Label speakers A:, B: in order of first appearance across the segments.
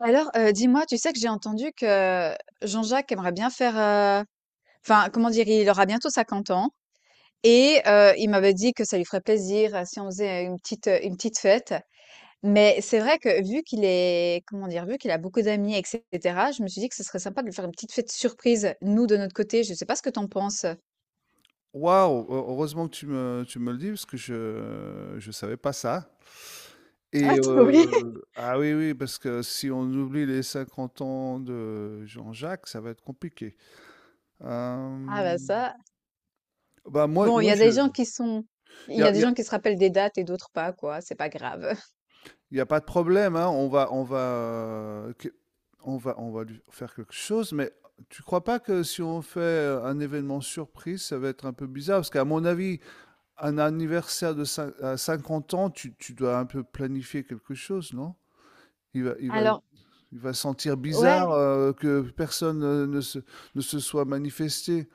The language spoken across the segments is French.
A: Alors, dis-moi, tu sais que j'ai entendu que Jean-Jacques aimerait bien faire, enfin, comment dire? Il aura bientôt 50 ans et il m'avait dit que ça lui ferait plaisir, si on faisait une petite fête. Mais c'est vrai que vu qu'il est comment dire? Vu qu'il a beaucoup d'amis et cetera, je me suis dit que ce serait sympa de lui faire une petite fête surprise, nous, de notre côté. Je sais pas ce que tu en penses?
B: Waouh! Heureusement que tu me le dis parce que je savais pas ça,
A: Ah, trop bien!
B: ah oui, oui, parce que si on oublie les 50 ans de Jean-Jacques, ça va être compliqué.
A: Ah bah
B: Hem,
A: ça.
B: Bah, moi
A: Bon,
B: moi je...
A: il
B: il y
A: y
B: a
A: a
B: il
A: des
B: y a
A: gens qui se rappellent des dates et d'autres pas, quoi, c'est pas grave.
B: il y a pas de problème, hein, on va lui faire quelque chose. Mais tu crois pas que si on fait, un événement surprise, ça va être un peu bizarre? Parce qu'à mon avis, un anniversaire de cin à 50 ans, tu dois un peu planifier quelque chose, non? Il va il va
A: Alors
B: il va sentir bizarre,
A: ouais,
B: que personne, ne se soit manifesté.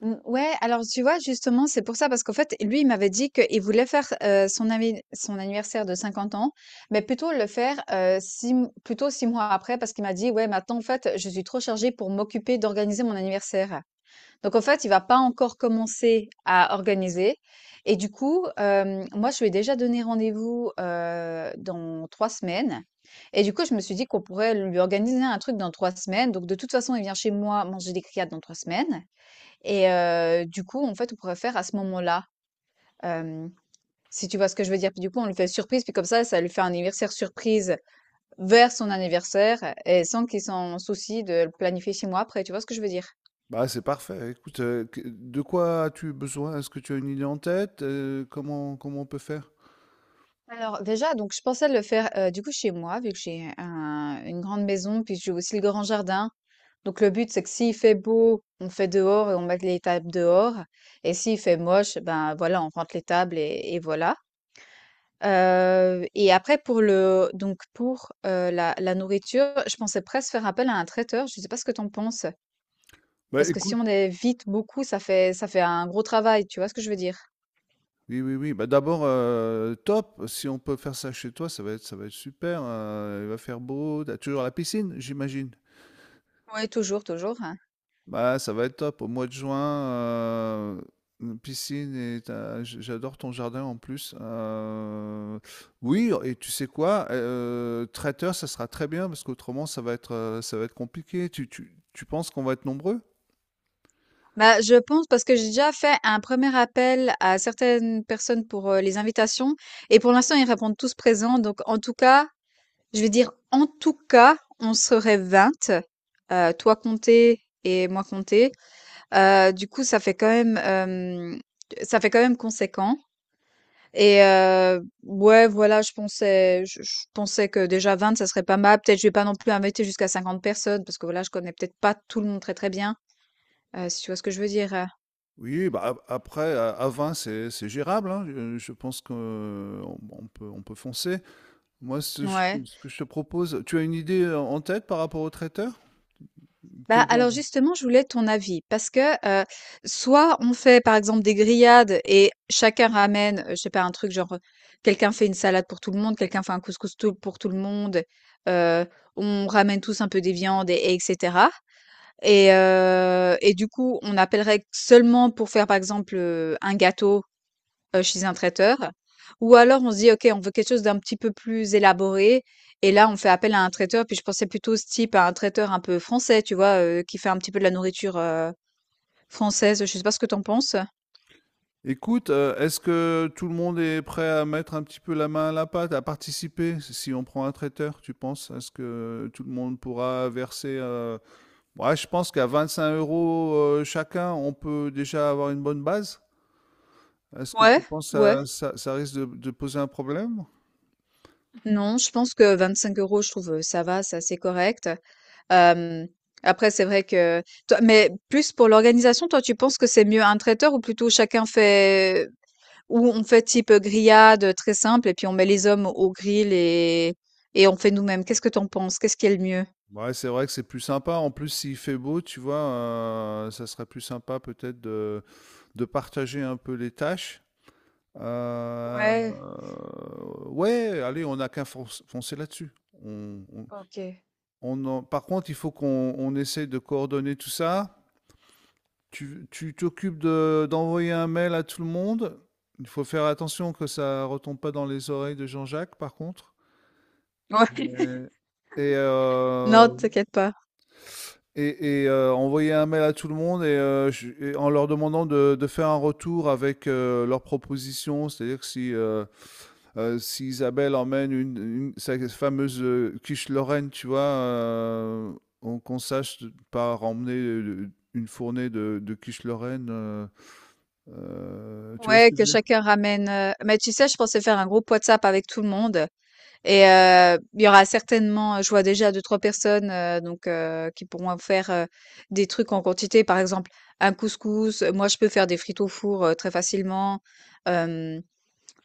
A: mmh, ouais, alors tu vois, justement, c'est pour ça, parce qu'en fait, lui, il m'avait dit qu'il voulait faire son anniversaire de 50 ans, mais plutôt le faire plutôt 6 mois après, parce qu'il m'a dit, ouais, maintenant, en fait, je suis trop chargée pour m'occuper d'organiser mon anniversaire. Donc en fait, il va pas encore commencer à organiser et du coup, moi, je lui ai déjà donné rendez-vous, dans 3 semaines et du coup, je me suis dit qu'on pourrait lui organiser un truc dans 3 semaines. Donc de toute façon, il vient chez moi manger des criades dans 3 semaines et du coup, en fait, on pourrait faire à ce moment-là, hem, si tu vois ce que je veux dire? Puis du coup, on lui fait surprise, puis comme ça lui fait un anniversaire surprise vers son anniversaire et sans qu'il s'en soucie de le planifier chez moi après, tu vois ce que je veux dire?
B: Bah, c'est parfait. Écoute, que de quoi as-tu besoin? Est-ce que tu as une idée en tête? Comment on peut faire?
A: Alors déjà, donc je pensais le faire du coup chez moi, vu que j'ai une grande maison, puis j'ai aussi le grand jardin. Donc le but, c'est que s'il fait beau, on fait dehors et on met les tables dehors. Et s'il fait moche, ben voilà, on rentre les tables et voilà. Et après pour le donc pour la nourriture, je pensais presque faire appel à un traiteur. Je sais pas ce que t'en penses,
B: Bah,
A: parce que si
B: écoute,
A: on est vite beaucoup, ça fait un gros travail. Tu vois ce que je veux dire?
B: oui, oui, oui, bah, d'abord, top, si on peut faire ça chez toi, ça va être super. Il va faire beau, tu toujours la piscine, j'imagine?
A: Oui, toujours, toujours.
B: Bah, ça va être top au mois de juin, une piscine et tu... j'adore ton jardin en plus, oui. Et tu sais quoi? Traiteur, ça sera très bien parce qu'autrement ça va être compliqué. Tu penses qu'on va être nombreux?
A: Bah, je pense parce que j'ai déjà fait un premier appel à certaines personnes pour les invitations et pour l'instant ils répondent tous présents. Donc en tout cas, je vais dire en tout cas, on serait 20, toi compté et moi compté. Du coup, ça fait quand même conséquent. Et ouais, voilà, je pensais que déjà 20, ça serait pas mal. Peut-être je vais pas non plus inviter jusqu'à 50 personnes parce que voilà, je connais peut-être pas tout le monde très très bien. Si tu vois ce que je veux dire.
B: Oui, bah, ap après à 20, c'est gérable, hein, je pense qu'on... on peut on peut foncer. Moi,
A: Ouais.
B: ce que je te propose, tu as une idée, en tête par rapport au traiteur?
A: Bah,
B: Quel genre...
A: alors justement, je voulais ton avis parce que, heu, soit on fait par exemple des grillades et chacun ramène, je sais pas un truc genre, quelqu'un fait une salade pour tout le monde, quelqu'un fait un couscous tout pour tout le monde, heu, on ramène tous un peu des viandes et cetera et du coup, on appellerait seulement pour faire par exemple, un gâteau chez un traiteur. Ou alors on se dit: «OK, on veut quelque chose d'un petit peu plus élaboré» et là on fait appel à un traiteur. Puis je pensais plutôt ce type à un traiteur un peu français, tu vois? Qui fait un petit peu de la nourriture, française. Je sais pas ce que t'en penses?
B: écoute, est-ce que tout le monde est prêt à mettre un petit peu la main à la pâte, à participer? Si on prend un traiteur, tu penses? Est-ce que tout le monde pourra verser, ouais, je pense qu'à 25 €, chacun, on peut déjà avoir une bonne base. Est-ce que tu
A: Ouais,
B: penses
A: ouais.
B: que ça risque de poser un problème?
A: Non, je pense que 25 € je trouve, ça va, c'est assez correct. Hem, après c'est vrai que toi mais plus pour l'organisation, toi tu penses que c'est mieux un traiteur ou plutôt chacun fait ou on fait type, grillade, très simple et puis on met les hommes au grill et on fait nous-mêmes? Qu'est-ce que t'en penses? Qu'est-ce qui est le mieux?
B: Ouais, c'est vrai que c'est plus sympa. En plus, s'il fait beau, tu vois, ça serait plus sympa peut-être de partager un peu les tâches. Euh,
A: Ouais,
B: ouais, allez, on n'a qu'à foncer là-dessus. On, on-
A: OK. Ouais.
B: Par contre, il faut qu'on on essaye de coordonner tout ça. Tu d'envoyer un mail à tout le monde. Il faut faire attention que ça retombe pas dans les oreilles de Jean-Jacques, par contre. Euh, Et,
A: Non,
B: euh,
A: t'inquiète pas.
B: envoyer un mail à tout le monde et, en leur demandant de faire un retour avec leurs propositions. C'est-à-dire que si, si Isabelle emmène sa fameuse quiche Lorraine, tu vois, qu'on sache pas emmener une fournée de quiche Lorraine, tu vois, s'il
A: Ouais,
B: te
A: que
B: plaît.
A: chacun ramène, mais tu sais, je pensais faire un groupe WhatsApp avec tout le monde. Et il y aura certainement je vois déjà deux trois personnes, donc qui pourront faire, des trucs en quantité. Par exemple, un couscous, moi je peux faire des frites au four, très facilement. Hem,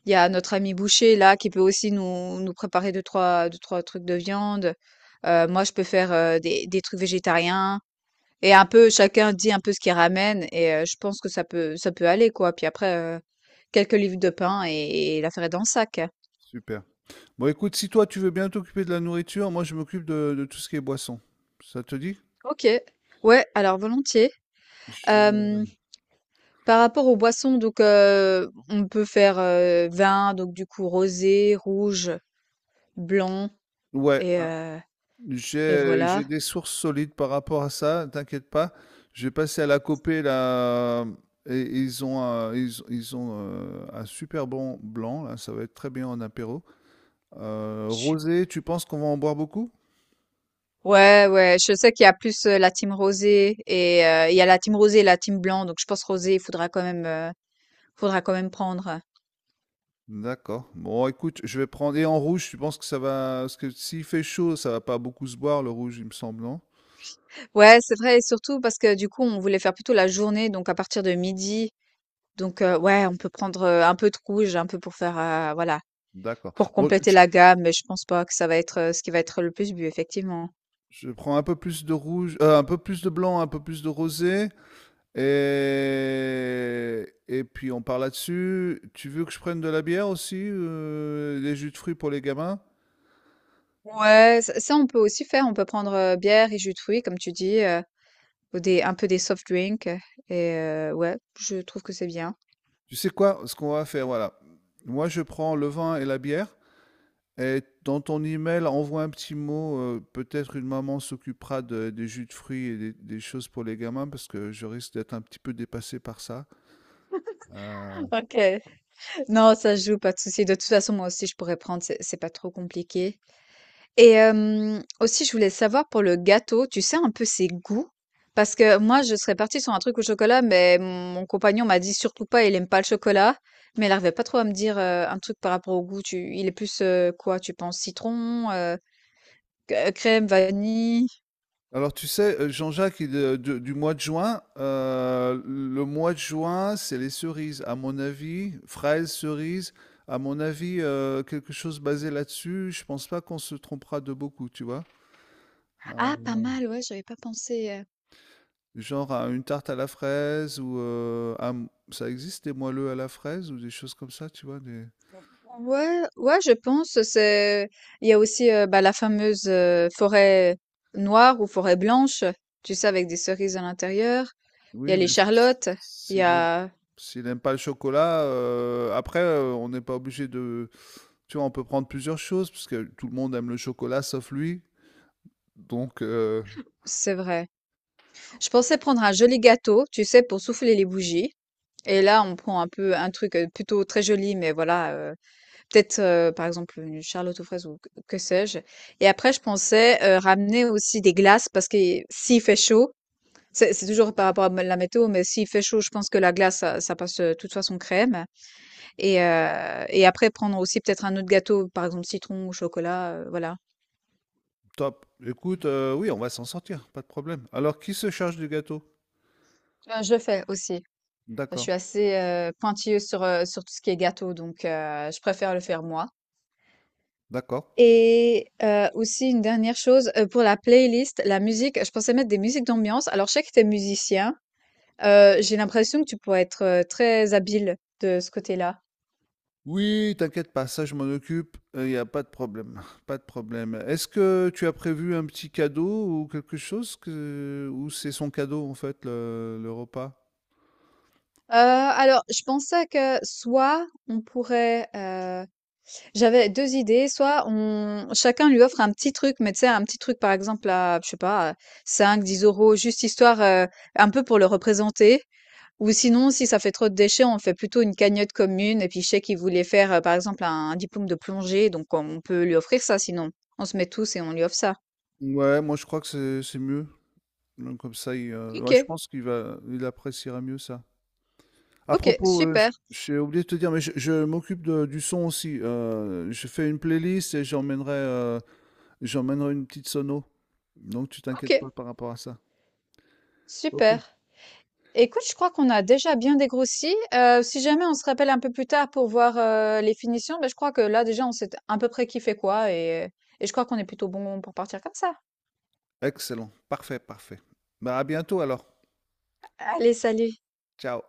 A: il y a notre ami boucher là qui peut aussi nous nous préparer deux trois trucs de viande. Moi je peux faire, des trucs végétariens et un peu chacun dit un peu ce qu'il ramène et je pense que ça peut aller quoi. Puis après, quelques livres de pain et l'affaire est dans le sac.
B: Super. Bon, écoute, si toi tu veux bien t'occuper de la nourriture, moi je m'occupe de tout ce qui est boisson. Ça te dit?
A: OK. Ouais, alors volontiers.
B: Je-
A: Hem, par rapport aux boissons, donc on peut faire, vin, donc du coup rosé, rouge, blanc
B: Ouais.
A: et
B: J'ai
A: voilà.
B: des sources solides par rapport à ça, t'inquiète pas. J'ai passé à la Copé là et ils ont un, ils ont un super bon blanc là, ça va être très bien en apéro.
A: Je suis
B: Rosé, tu penses qu'on va en boire beaucoup?
A: ouais, ouais, je sais qu'il y a plus, la team rosé et il y a la team rosé et la team blanc, donc je pense rosé, il faudra quand même, prendre.
B: D'accord. Bon, écoute, je vais prendre. Et en rouge, tu penses que ça va? Parce que s'il fait chaud, ça va pas beaucoup se boire, le rouge, il me semble, non?
A: Ouais, c'est vrai et surtout parce que du coup, on voulait faire plutôt la journée, donc à partir de midi, donc ouais, on peut prendre, un peu de rouge, un peu pour faire, voilà.
B: D'accord.
A: Pour
B: Bon,
A: compléter la gamme, mais je pense pas que ça va être, ce qui va être le plus bu, effectivement.
B: je prends un peu plus de rouge, un peu plus de blanc, un peu plus de rosé. Et puis on part là-dessus. Tu veux que je prenne de la bière aussi, des jus de fruits pour les gamins?
A: Ouais, ça ça on peut aussi faire, on peut prendre, bière et jus de fruits comme tu dis, ou des un peu des soft drinks et ouais, je trouve que c'est bien.
B: Tu sais quoi? Ce qu'on va faire, voilà. Moi, je prends le vin et la bière. Et dans ton email, envoie un petit mot. Peut-être une maman s'occupera des jus de fruits et des choses pour les gamins, parce que je risque d'être un petit peu dépassé par ça. Euh,
A: OK. Non, ça se joue, pas de souci. De toute façon, moi aussi, je pourrais prendre, c'est pas trop compliqué. Et aussi je voulais savoir pour le gâteau, tu sais un peu ses goûts? Parce que moi je serais partie sur un truc au chocolat, mais mon compagnon m'a dit: «Surtout pas, il aime pas le chocolat». Mais il arrivait pas trop à me dire, un truc par rapport au goût. Tu il est plus, quoi, tu penses citron, c crème, vanille?
B: Alors tu sais, Jean-Jacques, il, de du mois de juin, le mois de juin, c'est les cerises à mon avis, fraises, cerises, à mon avis, quelque chose basé là-dessus, je pense pas qu'on se trompera de beaucoup, tu vois?
A: Ah pas
B: Heu,
A: mal, ouais, j'avais pas pensé.
B: genre à une tarte à la fraise, ou, un... ça existe des moelleux à la fraise ou des choses comme ça, tu vois? Des...
A: Ouais, ouais, je pense. Il y a aussi bah, la fameuse forêt noire ou forêt blanche, tu sais, avec des cerises à l'intérieur. Il y a
B: oui,
A: les
B: mais
A: charlottes. Il y
B: s'il aime...
A: a,
B: s'il aime pas le chocolat, après, on n'est pas obligé de... Tu vois, on peut prendre plusieurs choses, parce que tout le monde aime le chocolat sauf lui. Donc,
A: c'est vrai. Je pensais prendre un joli gâteau, tu sais, pour souffler les bougies. Et là, on prend un peu un truc plutôt très joli, mais voilà, peut-être par exemple une charlotte aux fraises ou que sais-je. Et après, je pensais ramener aussi des glaces parce que s'il fait chaud. C'est toujours par rapport à la météo, mais s'il fait chaud, je pense que la glace, ça passe toute façon crème. Et après, prendre aussi peut-être un autre gâteau, par exemple citron ou chocolat, voilà.
B: top. Écoute, oui, on va s'en sortir, pas de problème. Alors, qui se charge du gâteau?
A: Je le fais aussi. Je
B: D'accord,
A: suis assez pointilleuse sur, sur tout ce qui est gâteau, donc je préfère le faire moi.
B: d'accord.
A: Et aussi une dernière chose, pour la playlist, la musique, je pensais mettre des musiques d'ambiance. Alors, je sais que tu es musicien, j'ai l'impression que tu pourrais être très habile de ce côté-là.
B: Oui, t'inquiète pas, ça je m'en occupe, il n'y a pas de problème, pas de problème. Est-ce que tu as prévu un petit cadeau ou quelque chose que... ou c'est son cadeau en fait, le repas?
A: Alors je pensais que soit on pourrait, j'avais 2 idées, soit on chacun lui offre un petit truc, mais tu sais un petit truc par exemple à je sais pas, à 5-10 € juste histoire, un peu pour le représenter ou sinon si ça fait trop de déchets, on fait plutôt une cagnotte commune et puis je sais qu'il voulait faire, par exemple un diplôme de plongée donc on peut lui offrir ça sinon. On se met tous et on lui offre ça.
B: Ouais, moi je crois que c'est mieux. Donc, comme ça, il, ouais, je
A: OK,
B: pense qu'il va... il appréciera mieux ça. À
A: OK,
B: propos,
A: super,
B: j'ai oublié de te dire, mais je m'occupe de du son aussi, je fais une playlist et j'emmènerai, j'emmènerai une petite sono. Donc tu t'inquiètes
A: OK,
B: pas par rapport à ça. OK.
A: super. Écoute, je crois qu'on a déjà bien dégrossi. Si jamais on se rappelle un peu plus tard pour voir les finitions, ben, je crois que là déjà on sait à peu près qui fait quoi et je crois qu'on est plutôt bon pour partir comme ça.
B: Excellent, parfait, parfait. Bah, à bientôt alors.
A: Allez, salut!
B: Ciao.